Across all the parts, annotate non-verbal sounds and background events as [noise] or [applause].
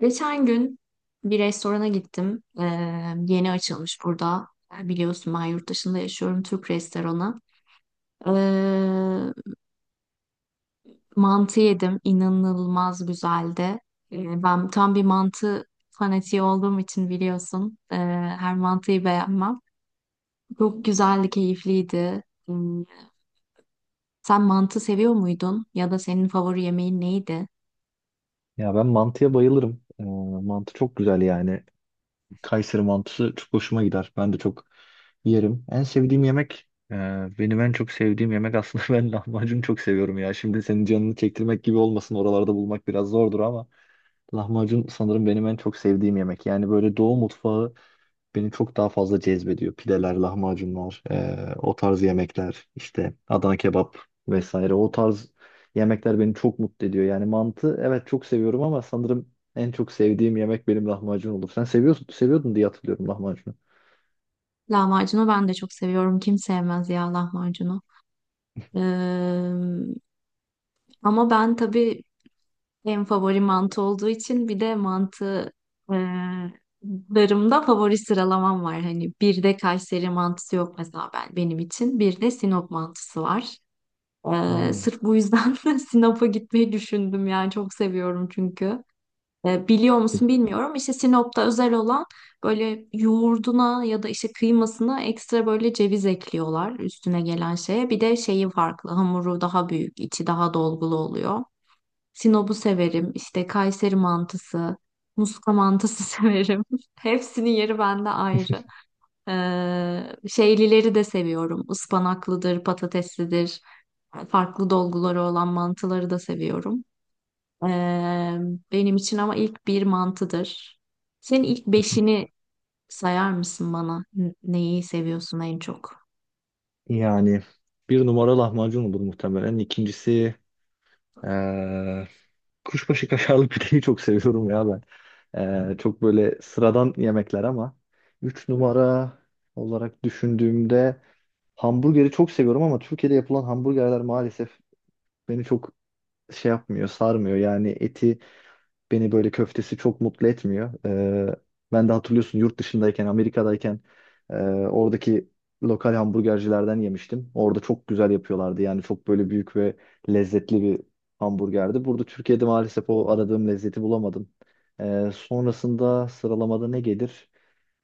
Geçen gün bir restorana gittim. Yeni açılmış burada. Biliyorsun ben yurt dışında yaşıyorum. Türk restoranı. Ee, Mantı yedim. İnanılmaz güzeldi. Ben tam bir mantı fanatiği olduğum için biliyorsun. Her mantıyı beğenmem. Çok güzeldi, keyifliydi. Hmm. Sen mantı seviyor muydun? Ya da senin favori yemeğin neydi? Ya ben mantıya bayılırım. Mantı çok güzel yani. Kayseri mantısı çok hoşuma gider. Ben de çok yerim. En sevdiğim yemek, benim en çok sevdiğim yemek aslında [laughs] ben lahmacun çok seviyorum ya. Şimdi senin canını çektirmek gibi olmasın. Oralarda bulmak biraz zordur ama lahmacun sanırım benim en çok sevdiğim yemek. Yani böyle Doğu mutfağı beni çok daha fazla cezbediyor. Pideler, lahmacunlar, o tarz yemekler, işte Adana kebap vesaire. O tarz yemekler beni çok mutlu ediyor. Yani mantı, evet çok seviyorum, ama sanırım en çok sevdiğim yemek benim lahmacun olur. Sen seviyorsun, seviyordun diye hatırlıyorum lahmacunu. Lahmacunu ben de çok seviyorum. Kim sevmez ya lahmacunu? Ee, Ama ben tabii en favori mantı olduğu için bir de mantı e, larımda favori sıralamam var. Hani bir de Kayseri mantısı yok mesela benim için. Bir de Sinop mantısı var. Oo. Sırf bu yüzden [laughs] Sinop'a gitmeyi düşündüm yani çok seviyorum çünkü. Biliyor musun bilmiyorum. İşte Sinop'ta özel olan böyle yoğurduna ya da işte kıymasına ekstra böyle ceviz ekliyorlar üstüne gelen şeye. Bir de şeyi farklı, hamuru daha büyük, içi daha dolgulu oluyor. Sinop'u severim. İşte Kayseri mantısı, Muska mantısı [laughs] severim. Hepsinin yeri bende ayrı. Şeylileri de seviyorum. Ispanaklıdır, patateslidir. Farklı dolguları olan mantıları da seviyorum. Ee, Benim için ama ilk bir mantıdır. Senin ilk [laughs] beşini sayar mısın bana? Neyi seviyorsun en çok? Yani bir numara lahmacun olur muhtemelen. İkincisi eee, kuşbaşı kaşarlı [laughs] pideyi çok seviyorum ya ben. Çok böyle sıradan yemekler, ama üç numara olarak düşündüğümde hamburgeri çok seviyorum, ama Türkiye'de yapılan hamburgerler maalesef beni çok şey yapmıyor, sarmıyor. Yani eti, beni böyle köftesi çok mutlu etmiyor. Ben de, hatırlıyorsun, yurt dışındayken, Amerika'dayken e, oradaki lokal hamburgercilerden yemiştim. Orada çok güzel yapıyorlardı. Yani çok böyle büyük ve lezzetli bir hamburgerdi. Burada, Türkiye'de, maalesef o aradığım lezzeti bulamadım. Sonrasında sıralamada ne gelir?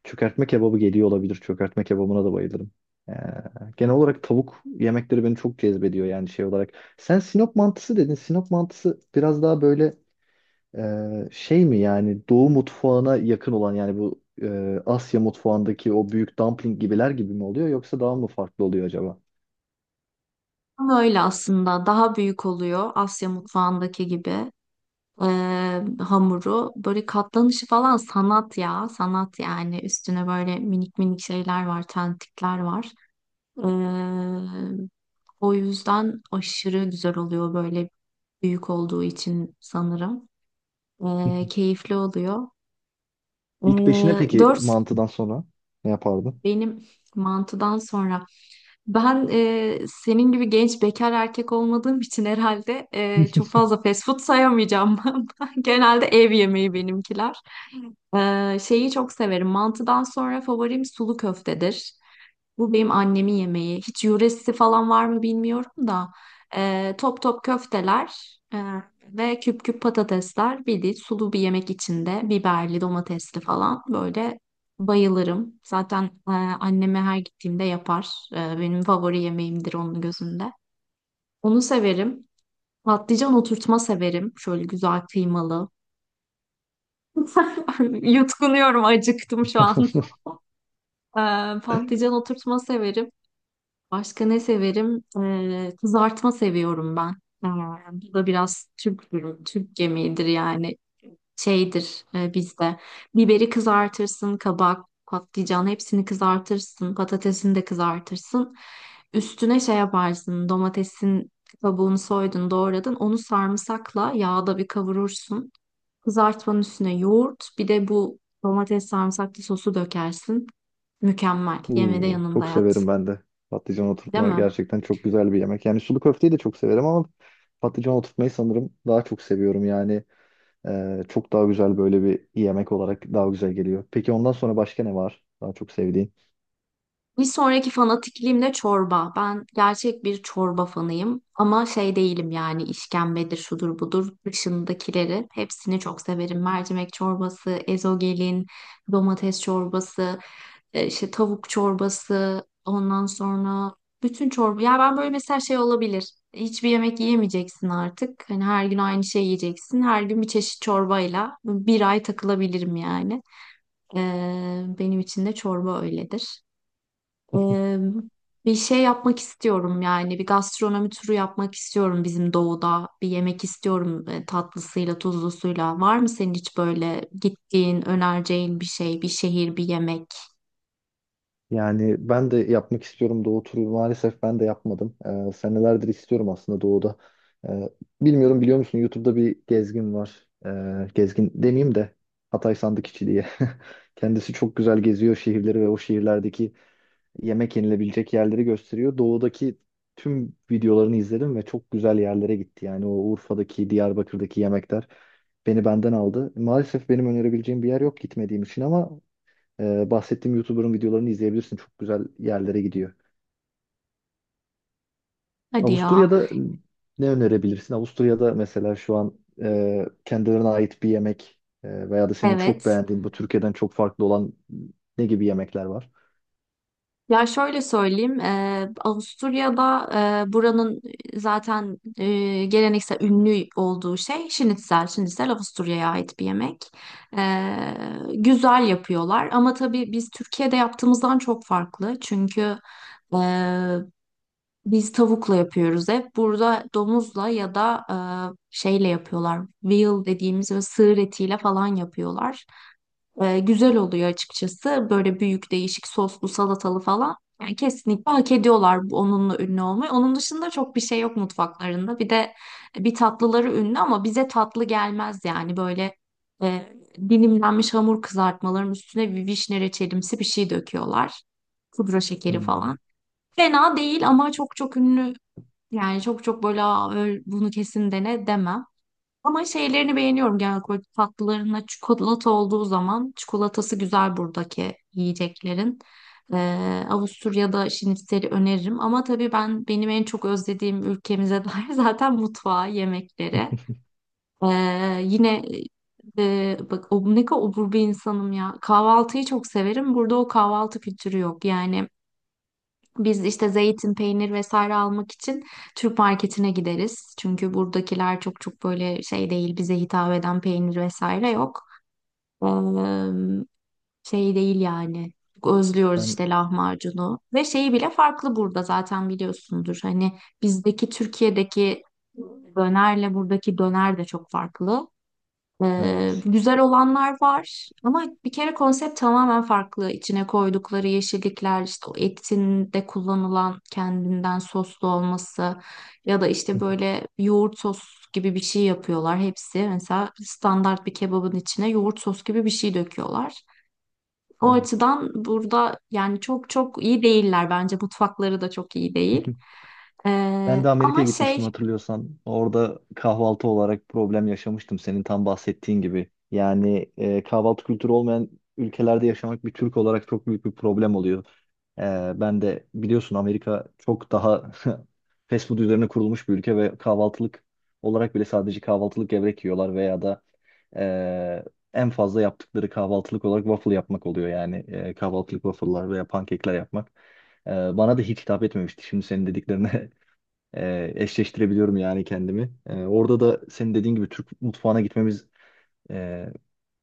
Çökertme kebabı geliyor olabilir. Çökertme kebabına da bayılırım. Ee, Genel olarak tavuk yemekleri beni çok cezbediyor yani şey olarak. Sen Sinop mantısı dedin. Sinop mantısı biraz daha böyle şey mi yani? Doğu mutfağına yakın olan yani, bu Asya mutfağındaki o büyük dumpling gibiler gibi mi oluyor, yoksa daha mı farklı oluyor acaba? Ama öyle aslında. Daha büyük oluyor, Asya mutfağındaki gibi. e, Hamuru, böyle katlanışı falan sanat ya. Sanat yani. Üstüne böyle minik minik şeyler var. Tentikler var. E, O yüzden aşırı güzel oluyor, böyle büyük olduğu için sanırım. [laughs] Keyifli oluyor. E, İlk beşine peki Dört, mantıdan sonra ne yapardın? benim mantıdan sonra, ben senin gibi genç bekar erkek olmadığım için herhalde [laughs] çok fazla fast food sayamayacağım. [laughs] Ben genelde ev yemeği benimkiler. Şeyi çok severim. Mantıdan sonra favorim sulu köftedir. Bu benim annemin yemeği. Hiç yöresi falan var mı bilmiyorum da, top top köfteler ve küp küp patatesler. Bir de sulu bir yemek içinde. Biberli, domatesli falan. Böyle bayılırım. Zaten anneme her gittiğimde yapar. Benim favori yemeğimdir onun gözünde. Onu severim. Patlıcan oturtma severim. Şöyle güzel kıymalı. [laughs] Yutkunuyorum, acıktım şu an. [laughs] Patlıcan oturtma severim. Başka ne severim? Kızartma seviyorum ben. Ee, Bu da biraz Türk yemeğidir yani şeydir bizde. Biberi kızartırsın, kabak, patlıcan hepsini kızartırsın, patatesini de kızartırsın. Üstüne şey yaparsın, domatesin kabuğunu soydun, doğradın. Onu sarımsakla yağda bir kavurursun. Kızartmanın üstüne yoğurt, bir de bu domates sarımsaklı sosu dökersin. Mükemmel. Yemede de Oo, yanında çok yat. severim ben de. Patlıcan Değil oturtma mi? gerçekten çok güzel bir yemek. Yani sulu köfteyi de çok severim, ama patlıcan oturtmayı sanırım daha çok seviyorum. Yani çok daha güzel, böyle bir yemek olarak daha güzel geliyor. Peki ondan sonra başka ne var daha çok sevdiğin? Bir sonraki fanatikliğim de çorba. Ben gerçek bir çorba fanıyım ama şey değilim yani, işkembedir, şudur budur, dışındakileri hepsini çok severim. Mercimek çorbası, ezogelin, domates çorbası, işte tavuk çorbası, ondan sonra bütün çorba. Ya ben böyle mesela şey olabilir. Hiçbir yemek yiyemeyeceksin artık, hani her gün aynı şey yiyeceksin. Her gün bir çeşit çorbayla bir ay takılabilirim yani. Benim için de çorba öyledir. Ee, Bir şey yapmak istiyorum yani, bir gastronomi turu yapmak istiyorum bizim doğuda, bir yemek istiyorum tatlısıyla tuzlusuyla. Var mı senin hiç böyle gittiğin, önereceğin bir şey, bir şehir, bir yemek? Yani ben de yapmak istiyorum doğu turu. Maalesef ben de yapmadım. Senelerdir istiyorum aslında doğuda. E, Bilmiyorum, biliyor musun, YouTube'da bir gezgin var. Gezgin demeyeyim de, Hatay Sandıkçı diye. [laughs] Kendisi çok güzel geziyor şehirleri ve o şehirlerdeki yemek yenilebilecek yerleri gösteriyor. Doğudaki tüm videolarını izledim ve çok güzel yerlere gitti. Yani o Urfa'daki, Diyarbakır'daki yemekler beni benden aldı. Maalesef benim önerebileceğim bir yer yok, gitmediğim için, ama bahsettiğim YouTuber'ın videolarını izleyebilirsin. Çok güzel yerlere gidiyor. Hadi ya. Avusturya'da ne önerebilirsin? Avusturya'da mesela şu an kendilerine ait bir yemek veya da senin çok Evet. beğendiğin, bu Türkiye'den çok farklı olan ne gibi yemekler var? Ya şöyle söyleyeyim, Avusturya'da buranın zaten geleneksel ünlü olduğu şey şinitzel. Şinitzel Avusturya'ya ait bir yemek. Eee, Güzel yapıyorlar ama tabii biz Türkiye'de yaptığımızdan çok farklı. Çünkü eee, biz tavukla yapıyoruz hep. Burada domuzla ya da şeyle yapıyorlar. Veal dediğimiz ve sığır etiyle falan yapıyorlar. Güzel oluyor açıkçası. Böyle büyük, değişik soslu, salatalı falan. Yani kesinlikle hak ediyorlar onunla ünlü olmayı. Onun dışında çok bir şey yok mutfaklarında. Bir de bir tatlıları ünlü ama bize tatlı gelmez yani. Böyle e, dilimlenmiş hamur kızartmaların üstüne bir vişne reçelimsi bir şey döküyorlar. Pudra şekeri falan. Hmm. Fena değil ama çok çok ünlü. Yani çok çok böyle "Aa, bunu kesin dene" demem. Ama şeylerini beğeniyorum genel olarak, tatlılarına çikolata olduğu zaman çikolatası güzel buradaki yiyeceklerin. Avusturya'da şinitzel'i öneririm ama tabii benim en çok özlediğim ülkemize dair [laughs] zaten mutfağı, yemekleri. Yine bak, o, ne kadar obur bir insanım ya. Kahvaltıyı çok severim. Burada o kahvaltı kültürü yok. Yani biz işte zeytin, peynir vesaire almak için Türk marketine gideriz. Çünkü buradakiler çok çok böyle şey değil, bize hitap eden peynir vesaire yok. Ee, Şey değil yani. Çok özlüyoruz Ben işte lahmacunu. Ve şeyi bile farklı burada, zaten biliyorsundur. Hani Türkiye'deki dönerle buradaki döner de çok farklı. Evet. Güzel olanlar var ama bir kere konsept tamamen farklı. İçine koydukları yeşillikler, işte o etinde kullanılan kendinden soslu olması ya da işte [laughs] böyle yoğurt sos gibi bir şey yapıyorlar. Hepsi mesela standart bir kebabın içine yoğurt sos gibi bir şey döküyorlar. O Evet. açıdan burada yani çok çok iyi değiller bence. Mutfakları da çok iyi değil. [laughs] Ben de Ama Amerika'ya gitmiştim, şey hatırlıyorsan. Orada kahvaltı olarak problem yaşamıştım, senin tam bahsettiğin gibi. Yani kahvaltı kültürü olmayan ülkelerde yaşamak bir Türk olarak çok büyük bir problem oluyor. E, Ben de biliyorsun, Amerika çok daha [laughs] fast food üzerine kurulmuş bir ülke ve kahvaltılık olarak bile sadece kahvaltılık gevrek yiyorlar, veya da e, en fazla yaptıkları kahvaltılık olarak waffle yapmak oluyor. Yani kahvaltılık waffle'lar veya pankekler yapmak. Bana da hiç hitap etmemişti. Şimdi senin dediklerine [laughs] eşleştirebiliyorum yani kendimi. Orada da senin dediğin gibi Türk mutfağına e,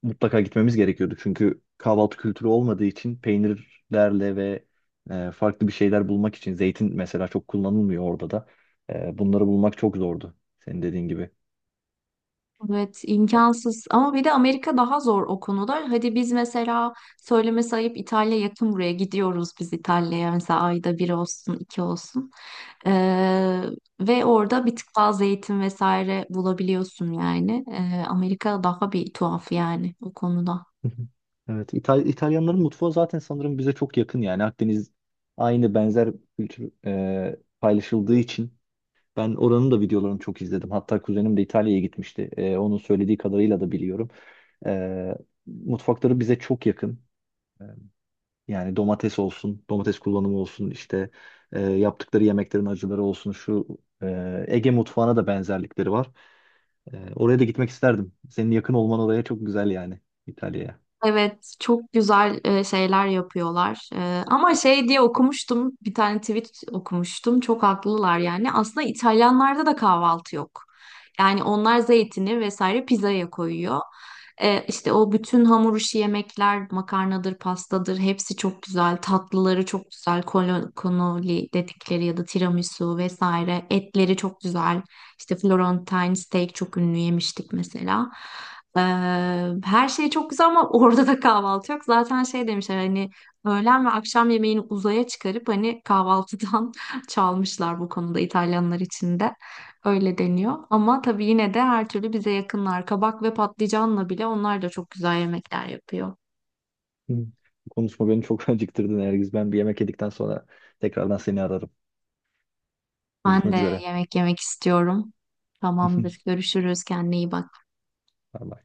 mutlaka gitmemiz gerekiyordu. Çünkü kahvaltı kültürü olmadığı için peynirlerle ve farklı bir şeyler bulmak için, zeytin mesela çok kullanılmıyor orada da. Bunları bulmak çok zordu, senin dediğin gibi. Evet, imkansız. Ama bir de Amerika daha zor o konuda. Hadi biz mesela söylemesi ayıp İtalya yakın buraya, gidiyoruz biz İtalya'ya mesela ayda bir olsun, iki olsun. Ee, Ve orada bir tık fazla eğitim vesaire bulabiliyorsun yani. Amerika daha bir tuhaf yani o konuda. Hı hı. Evet, İtalyanların mutfağı zaten sanırım bize çok yakın, yani Akdeniz aynı benzer kültür paylaşıldığı için ben oranın da videolarını çok izledim. Hatta kuzenim de İtalya'ya gitmişti. Onun söylediği kadarıyla da biliyorum. E, Mutfakları bize çok yakın. E, Yani domates olsun, domates kullanımı olsun, işte yaptıkları yemeklerin acıları olsun, şu Ege mutfağına da benzerlikleri var. Oraya da gitmek isterdim. Senin yakın olman oraya çok güzel, yani İtalya'ya. Evet, çok güzel şeyler yapıyorlar. Ama şey diye okumuştum, bir tane tweet okumuştum. Çok haklılar yani. Aslında İtalyanlarda da kahvaltı yok. Yani onlar zeytini vesaire pizzaya koyuyor. İşte o bütün hamur işi yemekler, makarnadır, pastadır, hepsi çok güzel. Tatlıları çok güzel. Cannoli dedikleri ya da tiramisu vesaire. Etleri çok güzel. İşte Florentine steak çok ünlü, yemiştik mesela. Ee, Her şey çok güzel ama [laughs] orada da kahvaltı yok. Zaten şey demişler, hani öğlen ve akşam yemeğini uzaya çıkarıp hani kahvaltıdan [laughs] çalmışlar bu konuda, İtalyanlar için de. Öyle deniyor. Ama tabii yine de her türlü bize yakınlar. Kabak ve patlıcanla bile onlar da çok güzel yemekler yapıyor. Hı. Bu konuşma beni çok [laughs] acıktırdı, Nergiz. Ben bir yemek yedikten sonra tekrardan seni ararım. Ben Görüşmek de üzere. yemek yemek istiyorum. Tamamdır. [laughs] Görüşürüz. Kendine iyi bak. Bay bay.